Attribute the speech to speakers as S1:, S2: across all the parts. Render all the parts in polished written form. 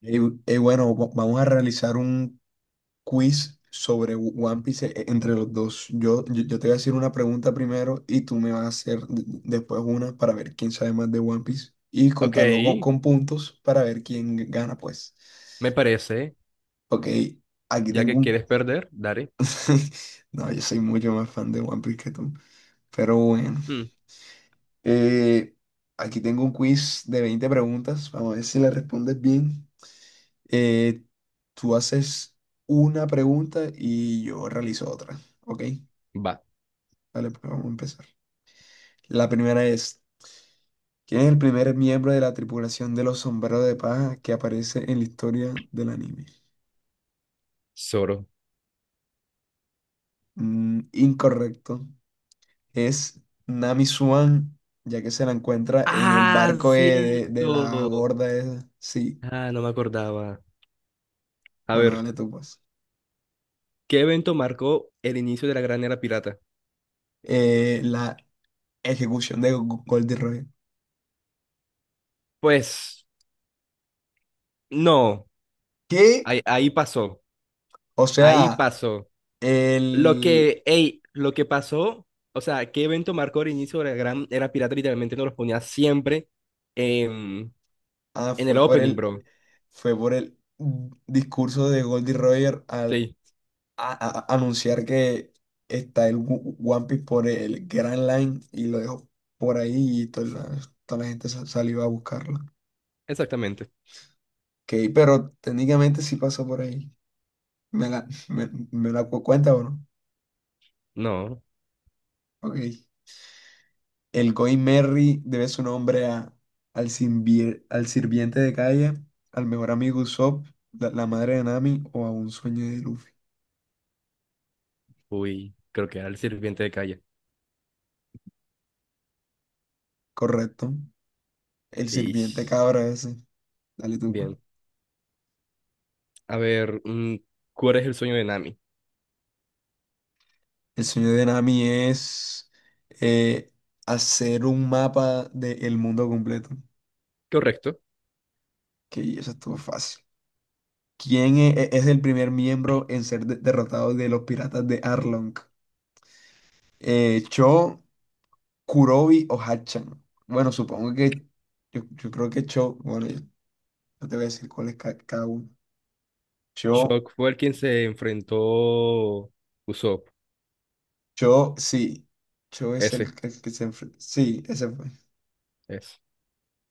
S1: Y, vamos a realizar un quiz sobre One Piece entre los dos. Yo te voy a hacer una pregunta primero y tú me vas a hacer después una para ver quién sabe más de One Piece y
S2: Ok,
S1: contarlo con puntos para ver quién gana, pues.
S2: me parece.
S1: Ok, aquí
S2: Ya
S1: tengo
S2: que
S1: un...
S2: quieres perder, dale.
S1: No, yo soy mucho más fan de One Piece que tú. Pero bueno.
S2: Mm,
S1: Eh, Aquí tengo un quiz de 20 preguntas. Vamos a ver si le respondes bien. Eh, Tú haces una pregunta y yo realizo otra. ¿Ok?
S2: va,
S1: Dale, pues vamos a empezar. La primera es, ¿quién es el primer miembro de la tripulación de los sombreros de paja que aparece en la historia del anime?
S2: Zoro.
S1: Mm, incorrecto. Es Nami Swan, ya que se la encuentra en el
S2: Ah,
S1: barco de la
S2: cierto.
S1: gorda esa. Sí,
S2: Ah, no me acordaba. A
S1: bueno,
S2: ver,
S1: dale tú pues.
S2: ¿qué evento marcó el inicio de la Gran Era Pirata?
S1: La ejecución de Goldie Roy.
S2: Pues, no.
S1: ¿Qué?
S2: Ahí pasó.
S1: O
S2: Ahí
S1: sea,
S2: pasó. Lo
S1: el...
S2: que, ey, lo que pasó, o sea, ¿qué evento marcó el inicio de la Gran Era Pirata? Literalmente nos los ponía siempre en,
S1: Ah,
S2: en el
S1: fue por
S2: opening,
S1: el,
S2: bro.
S1: fue por el discurso de Goldie Roger al
S2: Sí,
S1: a- anunciar que está el One Piece por el Grand Line y lo dejó por ahí y toda la gente salió a buscarlo.
S2: exactamente.
S1: Ok, pero técnicamente sí pasó por ahí. Me la cuenta o no?
S2: No.
S1: Ok. El Going Merry debe su nombre a, al, al sirviente de calle, al mejor amigo Usopp, la madre de Nami o a un sueño de Luffy.
S2: Uy, creo que era el sirviente de calle.
S1: Correcto. El sirviente
S2: Ish.
S1: cabra ese. Dale tú pues.
S2: Bien. A ver, ¿cuál es el sueño de Nami?
S1: El sueño de Nami es eh, hacer un mapa del mundo completo.
S2: Correcto.
S1: Que eso estuvo fácil. ¿Quién es el primer miembro en ser derrotado de los piratas de Arlong? ¿Cho, Kurobi o Hachan? Bueno, supongo que yo creo que Cho. Bueno, yo te voy a decir cuál es cada uno. Cho,
S2: Shock fue el quien se enfrentó Usopp.
S1: Cho, sí. Cho es
S2: Ese,
S1: que se enfrenta. Sí, ese fue.
S2: ese.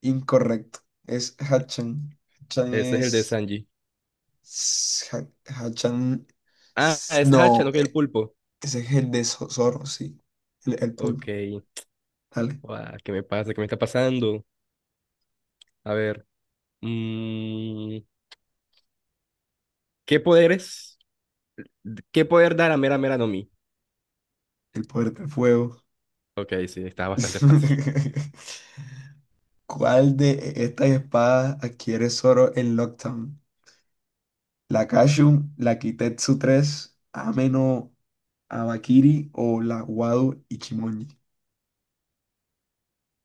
S1: Incorrecto. Es Hachan. Hachan
S2: Ese es el de
S1: es.
S2: Sanji.
S1: s- Ha- Hachan.
S2: Ah, es Hacha,
S1: No,
S2: no que el pulpo.
S1: ese es el de Zorro, sí. El
S2: Ok.
S1: pulpo. Dale.
S2: Guau, ¿qué me pasa? ¿Qué me está pasando? A ver. mm, ¿Qué poderes? ¿Qué poder dar a Mera Mera no Mi?
S1: El poder del fuego.
S2: Ok, sí, está bastante fácil.
S1: ¿Cuál de estas espadas adquiere Zoro en Lockdown? ¿La Kashun, la Kitetsu tres, Ameno Abakiri o la Wado Ichimonji?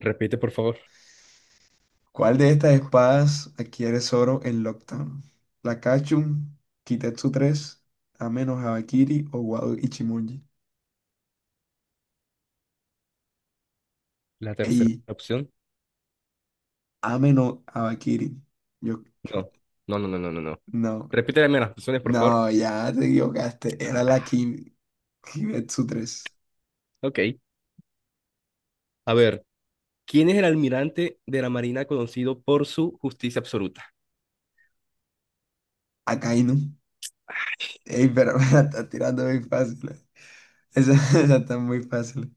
S2: Repite, por favor,
S1: ¿Cuál de estas espadas adquiere Zoro en Lockdown? ¿La Kachun, Kitetsu 3, Ame no Habakiri o Wado Ichimonji?
S2: la tercera
S1: Ey,
S2: opción.
S1: Ame no Habakiri. Yo, yo-
S2: No, no, no, no, no, no, no.
S1: no,
S2: Repite las primeras opciones, por favor.
S1: no, ya te equivocaste. Era la
S2: Ah,
S1: Ki, Kitetsu 3.
S2: ok. A ver. ¿Quién es el almirante de la Marina conocido por su justicia absoluta?
S1: Akainu. Ey, pero me la estás tirando muy fácil, eh. Esa, esa está muy fácil.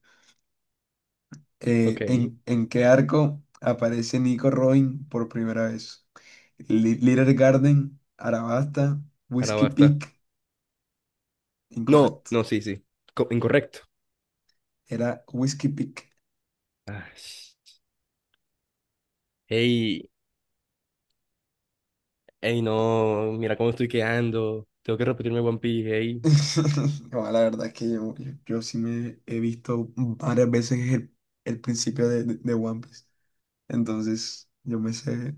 S2: Ok,
S1: En qué arco aparece Nico Robin por primera vez? Little Garden, Arabasta,
S2: ahora
S1: Whiskey
S2: basta.
S1: Peak.
S2: No,
S1: Incorrecto.
S2: no, sí, sí. Co- incorrecto.
S1: Era Whiskey Peak.
S2: Ay, hey, hey, no, mira cómo estoy quedando. Tengo que repetirme One Piece, hey.
S1: No, la verdad es que yo sí me he visto varias veces el principio de One Piece. Entonces, yo me sé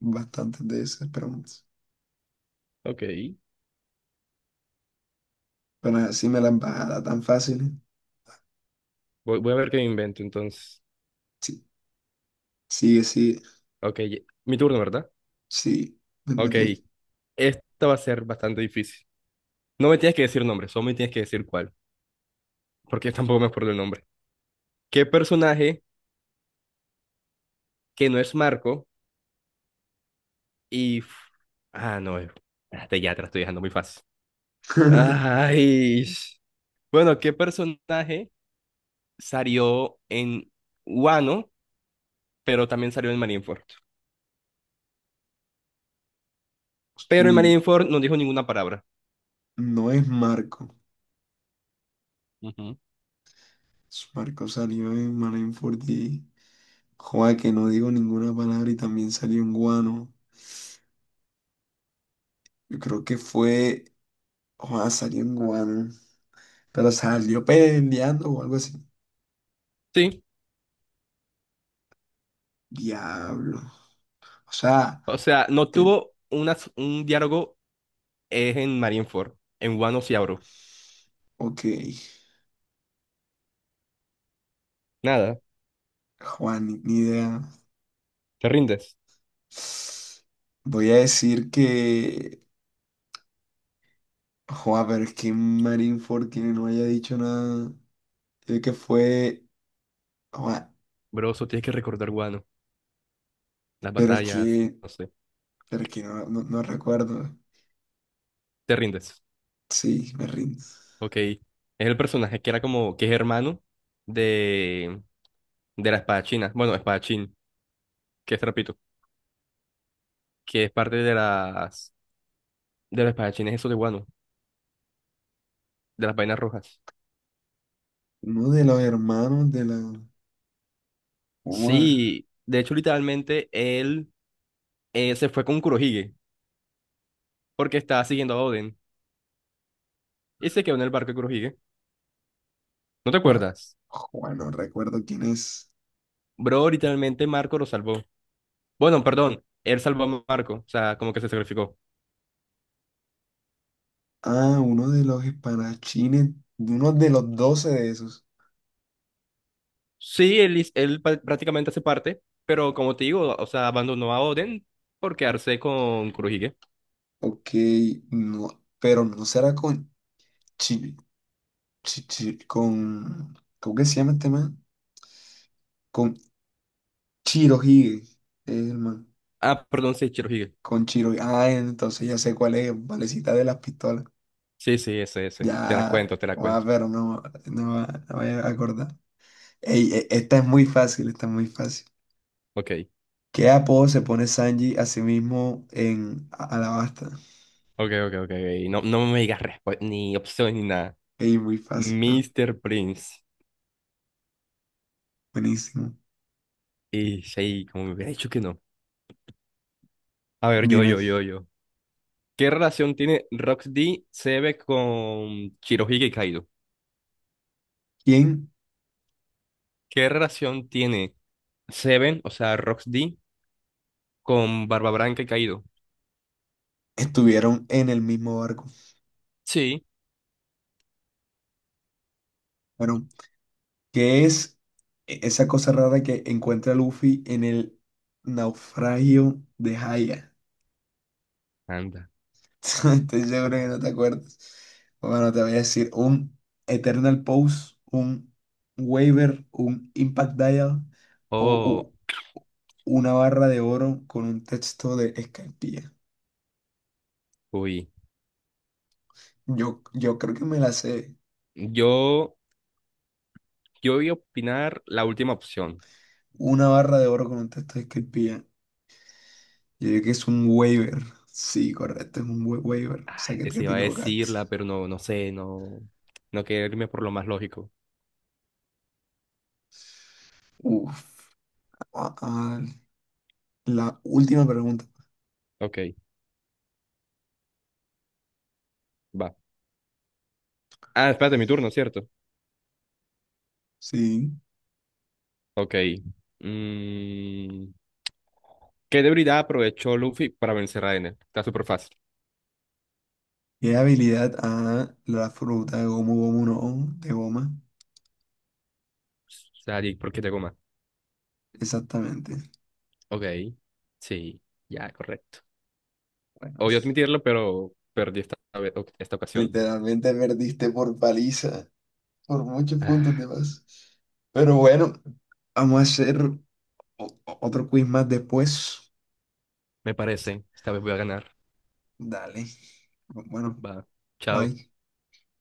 S1: bastantes de esas preguntas.
S2: Ok,
S1: Pero así me las bajada tan fácil, ¿eh?
S2: voy a ver qué me invento entonces.
S1: Sí, sigue, sigue,
S2: Ok, mi turno, ¿verdad?
S1: sí. Me
S2: Ok,
S1: metí.
S2: esta va a ser bastante difícil. No me tienes que decir nombre, solo me tienes que decir cuál, porque yo tampoco me acuerdo el nombre. ¿Qué personaje que no es Marco Y. Ah, no. Espérate, ya te la estoy dejando muy fácil. Ay. Bueno, ¿qué personaje salió en Wano, pero también salió en Marineford? Pero en Marineford no dijo ninguna palabra.
S1: No es Marco.
S2: Ujú.
S1: Es Marco salió en Marineford y... Joa, que no digo ninguna palabra y también salió en Guano. Yo creo que fue... Joa, salió en Guano. Pero salió peleando o algo así.
S2: Sí.
S1: Diablo. O sea,
S2: O sea, no
S1: te-
S2: tuvo una, un diálogo en Marineford. En Wano sí habló.
S1: ok.
S2: Nada.
S1: Juan, ni idea.
S2: ¿Te rindes?
S1: Voy a decir que... Joa, pero es que Marineford que no haya dicho nada. Yo que fue... Joa,
S2: Bro, eso tienes que recordar Wano. Las
S1: pero es
S2: batallas,
S1: que...
S2: no sé.
S1: Pero es que no, no recuerdo.
S2: ¿Te rindes?
S1: Sí, me rindo.
S2: Ok. Es el personaje que era como, que es hermano de... de la espadachina. Bueno, espadachín, que es trapito, que es parte de las de los espadachines esos de guano, de las vainas rojas.
S1: Uno de los hermanos de la... Juan,
S2: Sí, de hecho, literalmente él se fue con Kurohige porque estaba siguiendo a Oden y se quedó en el barco de Kurohige. ¿No te
S1: Juan,
S2: acuerdas?
S1: Juan, no recuerdo quién es.
S2: Bro, literalmente Marco lo salvó. Bueno, perdón, él salvó a Marco, o sea, como que se sacrificó.
S1: Ah, uno de los espadachines, uno de los doce de esos.
S2: Sí, él, hiz- él pa- prácticamente hace parte, pero como te digo, o sea, abandonó a Oden por quedarse con Kurohige.
S1: Ok, no, pero no será con Chi, con, ¿cómo que se llama este man? Con Chirohige, es el man,
S2: Ah, perdón, sí, Shirohige.
S1: con Chirohige. Ah, entonces ya sé cuál es, valecita de las pistolas.
S2: Sí, sí, ese, ese. Te la
S1: Ya,
S2: cuento, te la
S1: ah,
S2: cuento.
S1: pero no, no, me voy a acordar. Ey, esta es muy fácil, esta es muy fácil.
S2: Ok,
S1: ¿Qué apodo se pone Sanji a sí mismo en Alabasta?
S2: ok, ok, ok, ok. No, no me digas respu- ni opción ni nada.
S1: Ey, muy fácil, ¿no?
S2: Mister Prince.
S1: Buenísimo.
S2: Y sí, como me hubiera dicho que no. A ver, yo,
S1: Dime,
S2: yo, yo, yo. ¿Qué relación tiene Roxy Seven con Shirohige Kaido?
S1: ¿quién
S2: ¿Qué relación tiene Seven, o sea, Roxy, con Barba Blanca y Kaido?
S1: estuvieron en el mismo barco?
S2: Sí.
S1: Bueno, ¿qué es esa cosa rara que encuentra Luffy en el naufragio de Haya?
S2: Anda.
S1: Estoy seguro que no te acuerdas. Bueno, te voy a decir un Eternal Pose, un Waiver, un Impact Dial
S2: Oh,
S1: o una barra de oro con un texto de Escaipilla.
S2: uy.
S1: Yo creo que me la sé.
S2: Yo, yo voy a opinar la última opción.
S1: Una barra de oro con un texto de Escaipilla. Yo diría que es un waiver. Sí, correcto, es un waiver. O sea, que
S2: Se
S1: te
S2: iba a
S1: equivocaste.
S2: decirla, pero no, no sé, no, no quería irme por lo más lógico.
S1: Uf, ah, ah, la última pregunta.
S2: Ok, va. Ah, espérate, mi turno, ¿cierto?
S1: Sí.
S2: Ok. Mm, ¿Qué debilidad aprovechó Luffy para vencer a Enel? Está súper fácil.
S1: ¿Qué habilidad a la fruta de gomu gomu no? De goma.
S2: Sadik, ¿por qué te goma?
S1: Exactamente.
S2: Ok, sí, ya, correcto.
S1: Bueno,
S2: Obvio admitirlo, pero perdí esta, vez- ok, esta ocasión.
S1: literalmente perdiste por paliza. Por muchos puntos
S2: Ah,
S1: de más. Pero bueno, vamos a hacer otro quiz más después.
S2: me parece, esta vez voy a ganar.
S1: Dale. Bueno,
S2: Va, chao.
S1: bye.